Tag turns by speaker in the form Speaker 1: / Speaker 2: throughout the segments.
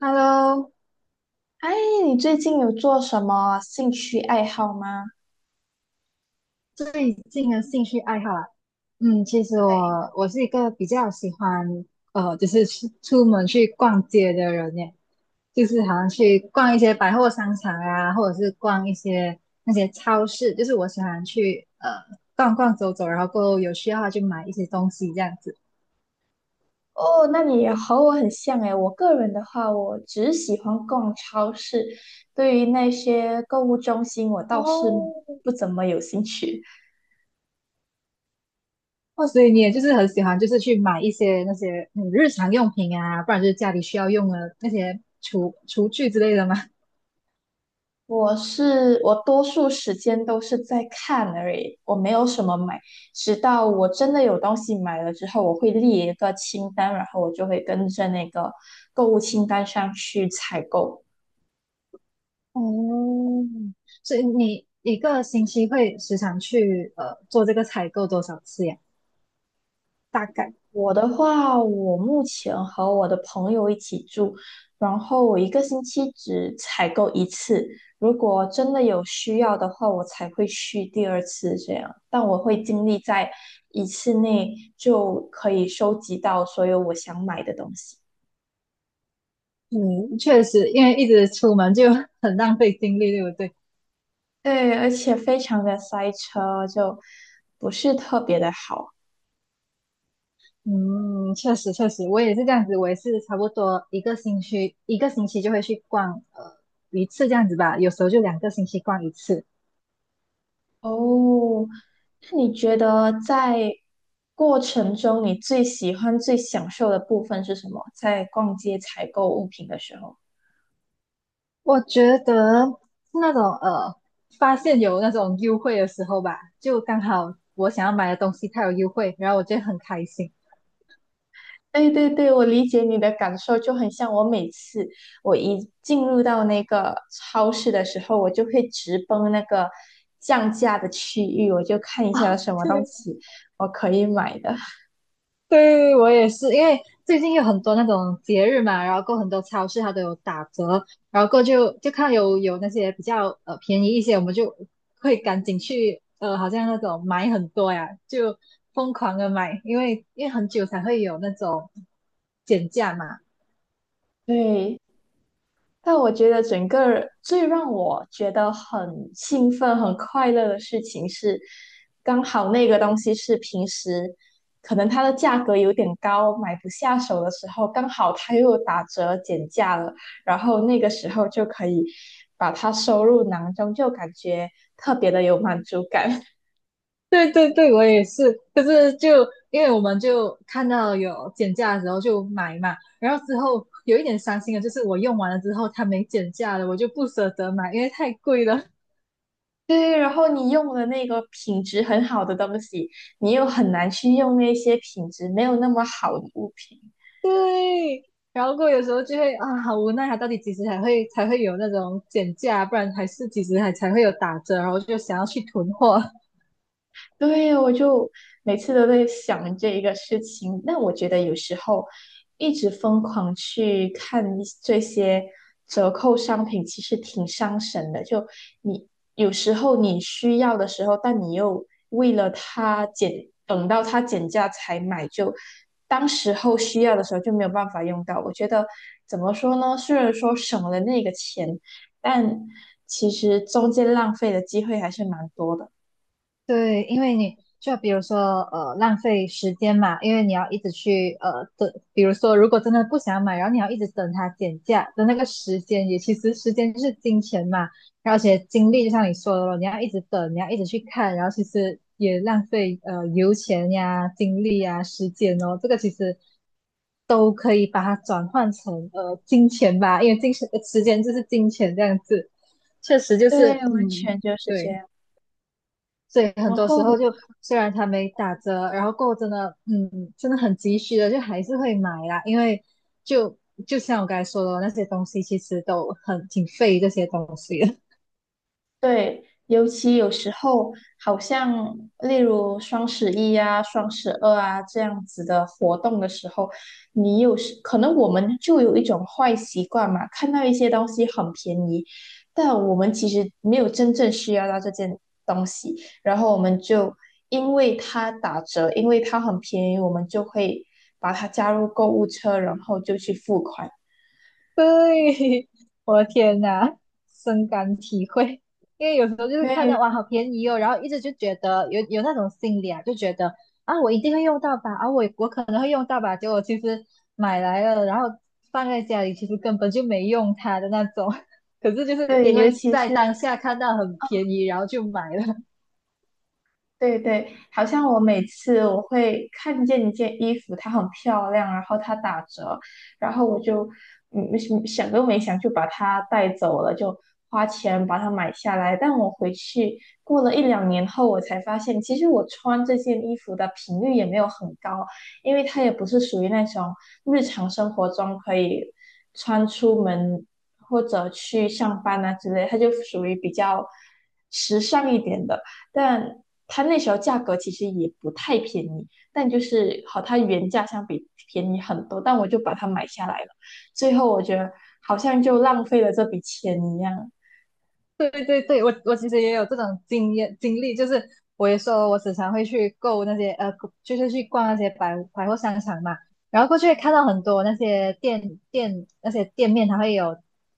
Speaker 1: Hello,
Speaker 2: 哎，你最近有做什么兴趣爱好吗？
Speaker 1: 最近的兴趣爱好啊，其实
Speaker 2: 对。
Speaker 1: 我是一个比较喜欢就是去出门去逛街的人耶，就是好像去逛一些百货商场啊，或者是逛一些那些超市，就是我喜欢去逛逛走走，然后过后有需要的话就买一些东西这样子。
Speaker 2: 哦，那你也和我很像诶。我个人的话，我只喜欢逛超市，对于那些购物中心，我倒是
Speaker 1: 哦，
Speaker 2: 不怎么有兴趣。
Speaker 1: 哦，所以你也就是很喜欢，就是去买一些那些日常用品啊，不然就是家里需要用的那些厨具之类的吗？
Speaker 2: 我多数时间都是在看而已，我没有什么买。直到我真的有东西买了之后，我会列一个清单，然后我就会跟着那个购物清单上去采购。
Speaker 1: 哦，所以你一个星期会时常去做这个采购多少次呀？大概，
Speaker 2: 我的话，我目前和我的朋友一起住，然后我一个星期只采购一次，如果真的有需要的话，我才会去第二次这样。但我会尽力在一次内就可以收集到所有我想买的东西。
Speaker 1: 嗯，确实，因为一直出门就 很浪费精力，对不对？
Speaker 2: 对，而且非常的塞车，就不是特别的好。
Speaker 1: 嗯，确实确实，我也是这样子，我也是差不多一个星期就会去逛一次这样子吧，有时候就两个星期逛一次。
Speaker 2: 哦，那你觉得在过程中，你最喜欢、最享受的部分是什么？在逛街采购物品的时候？
Speaker 1: 我觉得是那种发现有那种优惠的时候吧，就刚好我想要买的东西它有优惠，然后我就会很开心。
Speaker 2: 对对对，我理解你的感受，就很像我每次我一进入到那个超市的时候，我就会直奔那个降价的区域，我就看一 下有
Speaker 1: 哦，
Speaker 2: 什么东西我可以买的。
Speaker 1: 对，我也是，因为最近有很多那种节日嘛，然后过很多超市它都有打折，然后过就就看有那些比较便宜一些，我们就会赶紧去好像那种买很多呀，就疯狂的买，因为很久才会有那种减价嘛。
Speaker 2: 对，但我觉得整个最让我觉得很兴奋、很快乐的事情是，刚好那个东西是平时可能它的价格有点高，买不下手的时候，刚好它又打折减价了，然后那个时候就可以把它收入囊中，就感觉特别的有满足感。
Speaker 1: 对对对，我也是，可是就因为我们就看到有减价的时候就买嘛，然后之后有一点伤心的就是我用完了之后它没减价了，我就不舍得买，因为太贵了。
Speaker 2: 对，然后你用的那个品质很好的东西，你又很难去用那些品质没有那么好的物品。
Speaker 1: 对，然后过后有时候就会啊，好无奈啊，他到底几时才会有那种减价，不然还是几时还才会有打折，然后就想要去囤货。
Speaker 2: 对，我就每次都在想这一个事情。那我觉得有时候一直疯狂去看一这些折扣商品，其实挺伤神的。就你有时候你需要的时候，但你又为了它减，等到它减价才买，就当时候需要的时候就没有办法用到。我觉得怎么说呢？虽然说省了那个钱，但其实中间浪费的机会还是蛮多的。
Speaker 1: 对，因为你就比如说浪费时间嘛，因为你要一直去等，比如说如果真的不想买，然后你要一直等它减价的那个时间，也其实时间就是金钱嘛，然后而且精力就像你说的咯，你要一直等，你要一直去看，然后其实也浪费油钱呀、精力呀、时间哦，这个其实。把它转换成金钱吧，因为金钱时间就是金钱这样子，确实就
Speaker 2: 对，
Speaker 1: 是
Speaker 2: 完
Speaker 1: 嗯
Speaker 2: 全就是这
Speaker 1: 对，
Speaker 2: 样。
Speaker 1: 所以很
Speaker 2: 然
Speaker 1: 多时
Speaker 2: 后，
Speaker 1: 候就虽然它没打折，然后过后真的真的很急需的，就还是会买啦，因为就就像我刚才说的，那些东西其实都很挺费这些东西的。
Speaker 2: 对，尤其有时候，好像例如双十一啊、双十二啊这样子的活动的时候，你有时可能我们就有一种坏习惯嘛，看到一些东西很便宜，但我们其实没有真正需要到这件东西，然后我们就因为它打折，因为它很便宜，我们就会把它加入购物车，然后就去付款。
Speaker 1: 对，我的天呐，深感体会。因为有时候就是
Speaker 2: 对
Speaker 1: 看到哇，好便宜哦，然后一直就觉得有那种心理啊，就觉得啊，我一定会用到吧，啊，我可能会用到吧，结果其实买来了，然后放在家里，其实根本就没用它的那种。可是就是
Speaker 2: 对，
Speaker 1: 因
Speaker 2: 尤
Speaker 1: 为
Speaker 2: 其是。
Speaker 1: 在当下看到很便宜，然后就买了。
Speaker 2: 对对，好像我每次我会看见一件衣服，它很漂亮，然后它打折，然后我想想都没想就把它带走了，就花钱把它买下来。但我回去过了一两年后，我才发现，其实我穿这件衣服的频率也没有很高，因为它也不是属于那种日常生活中可以穿出门或者去上班啊之类，它就属于比较时尚一点的。但它那时候价格其实也不太便宜，但就是和它原价相比便宜很多，但我就把它买下来了。最后我觉得好像就浪费了这笔钱一样，
Speaker 1: 对对对，我其实也有这种经历，就是我也说我时常会去购那些就是去逛那些百货商场嘛，然后过去会看到很多那些那些店面，它会有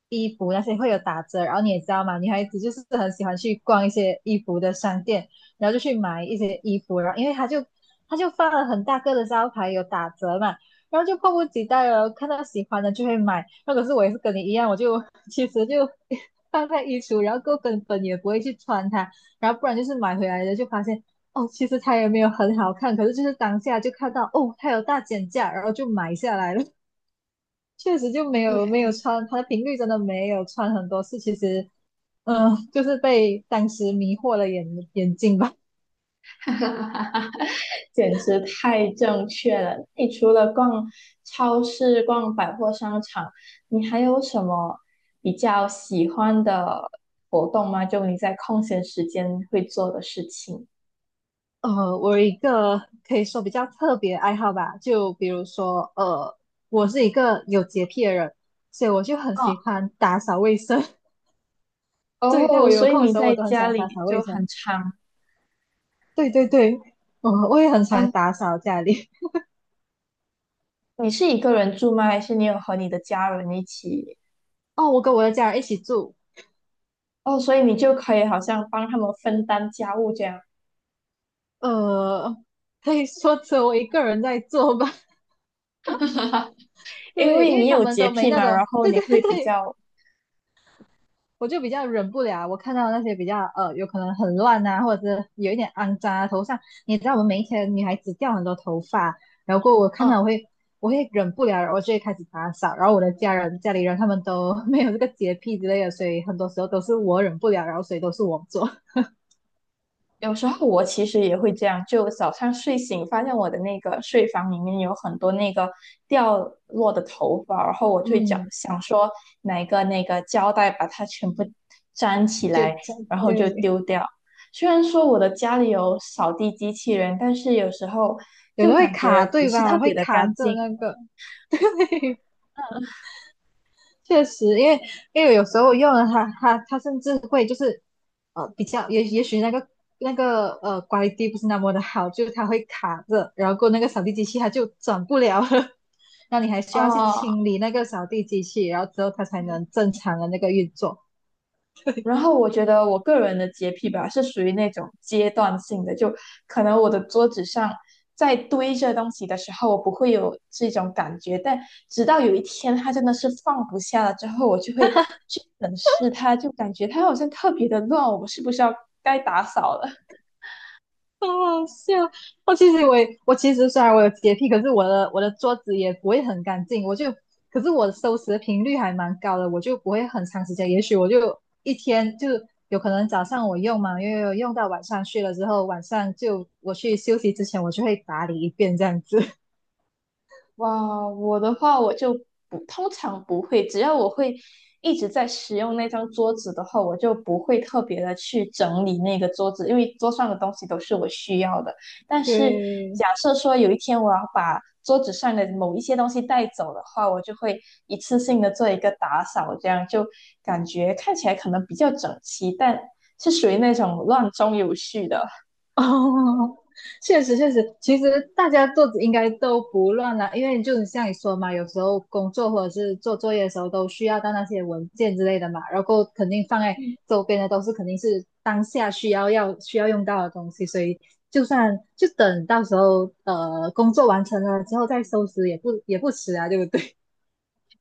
Speaker 1: 衣服那些会有打折，然后你也知道嘛，女孩子就是很喜欢去逛一些衣服的商店，然后就去买一些衣服，然后因为它就放了很大个的招牌有打折嘛，然后就迫不及待了，看到喜欢的就会买。那可是我也是跟你一样，我就其实就 放在衣橱，然后够根本也不会去穿它，然后不然就是买回来的就发现哦，其实它也没有很好看，可是就是当下就看到哦，它有大减价，然后就买下来了。确实就没
Speaker 2: 对。
Speaker 1: 有没有穿，它的频率真的没有穿很多次，其实就是被当时迷惑了眼睛吧。
Speaker 2: 简直太正确了。你除了逛超市、逛百货商场，你还有什么比较喜欢的活动吗？就你在空闲时间会做的事情。
Speaker 1: 呃，我有一个可以说比较特别的爱好吧，就比如说，呃，我是一个有洁癖的人，所以我就很
Speaker 2: 哦。
Speaker 1: 喜欢打扫卫生。对，在我
Speaker 2: 哦，
Speaker 1: 有
Speaker 2: 所以
Speaker 1: 空的
Speaker 2: 你
Speaker 1: 时候，我
Speaker 2: 在
Speaker 1: 都很喜
Speaker 2: 家
Speaker 1: 欢打
Speaker 2: 里
Speaker 1: 扫
Speaker 2: 就
Speaker 1: 卫生。
Speaker 2: 很常
Speaker 1: 对对对，我也很
Speaker 2: 啊。
Speaker 1: 常打扫家里。
Speaker 2: 你是一个人住吗？还是你有和你的家人一起？
Speaker 1: 哦，我跟我的家人一起住，
Speaker 2: 哦，所以你就可以好像帮他们分担家务这样，
Speaker 1: 呃，可以说只有我一个人在做吧。
Speaker 2: 因
Speaker 1: 对，
Speaker 2: 为
Speaker 1: 因为
Speaker 2: 你
Speaker 1: 他
Speaker 2: 有
Speaker 1: 们
Speaker 2: 洁
Speaker 1: 都没
Speaker 2: 癖
Speaker 1: 那
Speaker 2: 嘛，然
Speaker 1: 种，
Speaker 2: 后
Speaker 1: 对
Speaker 2: 你
Speaker 1: 对
Speaker 2: 会比
Speaker 1: 对，
Speaker 2: 较，
Speaker 1: 我就比较忍不了，我看到那些比较呃，有可能很乱啊，或者是有一点肮脏啊，头上你知道我们每一天女孩子掉很多头发，然后我看到
Speaker 2: 嗯。
Speaker 1: 我会忍不了，然后就会开始打扫，然后我的家里人他们都 没有这个洁癖之类的，所以很多时候都是我忍不了，然后所以都是我做，
Speaker 2: 有时候我其实也会这样，就早上睡醒发现我的那个睡房里面有很多那个掉落的头发，然后我 就想
Speaker 1: 嗯，
Speaker 2: 想说拿一个那个胶带把它全部粘起
Speaker 1: 就
Speaker 2: 来，然后就
Speaker 1: 对，
Speaker 2: 丢掉。虽然说我的家里有扫地机器人，但是有时候
Speaker 1: 有
Speaker 2: 就
Speaker 1: 时候会
Speaker 2: 感
Speaker 1: 卡
Speaker 2: 觉不
Speaker 1: 对
Speaker 2: 是特
Speaker 1: 吧？会
Speaker 2: 别的
Speaker 1: 卡
Speaker 2: 干
Speaker 1: 着
Speaker 2: 净。
Speaker 1: 那个，对。确实，因为因为有时候用了它，它甚至会就是比较也也许那个那个QUA 不是那么的好，就是它会卡着，然后过那个扫地机器它就转不了了，那你还需要去
Speaker 2: 哦。
Speaker 1: 清理那个扫地机器，然后之后它才能正常的那个运作。
Speaker 2: 然后我觉得我个人的洁癖吧，是属于那种阶段性的，就可能我的桌子上在堆着东西的时候，我不会有这种感觉，但直到有一天它真的是放不下了之后，我就会去审视它，就感觉它好像特别的乱，我是不是要该打扫了？
Speaker 1: 好好笑！我其实我也，我其实虽然我有洁癖，可是我的桌子也不会很干净，我就，可是我收拾的频率还蛮高的，我就不会很长时间，也许我就一天就有可能早上我用嘛，因为用到晚上去了之后，晚上就我去休息之前，我就会打理一遍这样子。
Speaker 2: 哇，我的话我就不通常不会，只要我会一直在使用那张桌子的话，我就不会特别的去整理那个桌子，因为桌上的东西都是我需要的。但是
Speaker 1: 对，
Speaker 2: 假设说有一天我要把桌子上的某一些东西带走的话，我就会一次性的做一个打扫，这样就感觉看起来可能比较整齐，但是属于那种乱中有序的。
Speaker 1: 哦，确实确实，其实大家做应该都不乱啦，因为就像你说嘛，有时候工作或者是做作业的时候都需要到那些文件之类的嘛，然后肯定放在
Speaker 2: 嗯。
Speaker 1: 周边的都是肯定是当下需要用到的东西，所以就算就等到时候工作完成了之后再收拾也不迟啊，对不对？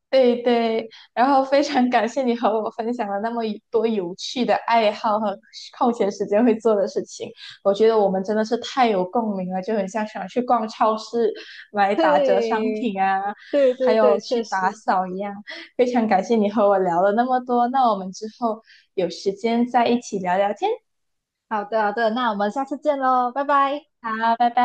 Speaker 2: 对对，然后非常感谢你和我分享了那么一多有趣的爱好和空闲时间会做的事情，我觉得我们真的是太有共鸣了，就很像想去逛超市买 打折商
Speaker 1: 对
Speaker 2: 品啊，
Speaker 1: 对
Speaker 2: 还
Speaker 1: 对
Speaker 2: 有
Speaker 1: 对，确
Speaker 2: 去打
Speaker 1: 实。
Speaker 2: 扫一样。非常感谢你和我聊了那么多，那我们之后有时间再一起聊聊天。
Speaker 1: 好的好的，那我们下次见喽，拜拜。
Speaker 2: 好，拜拜。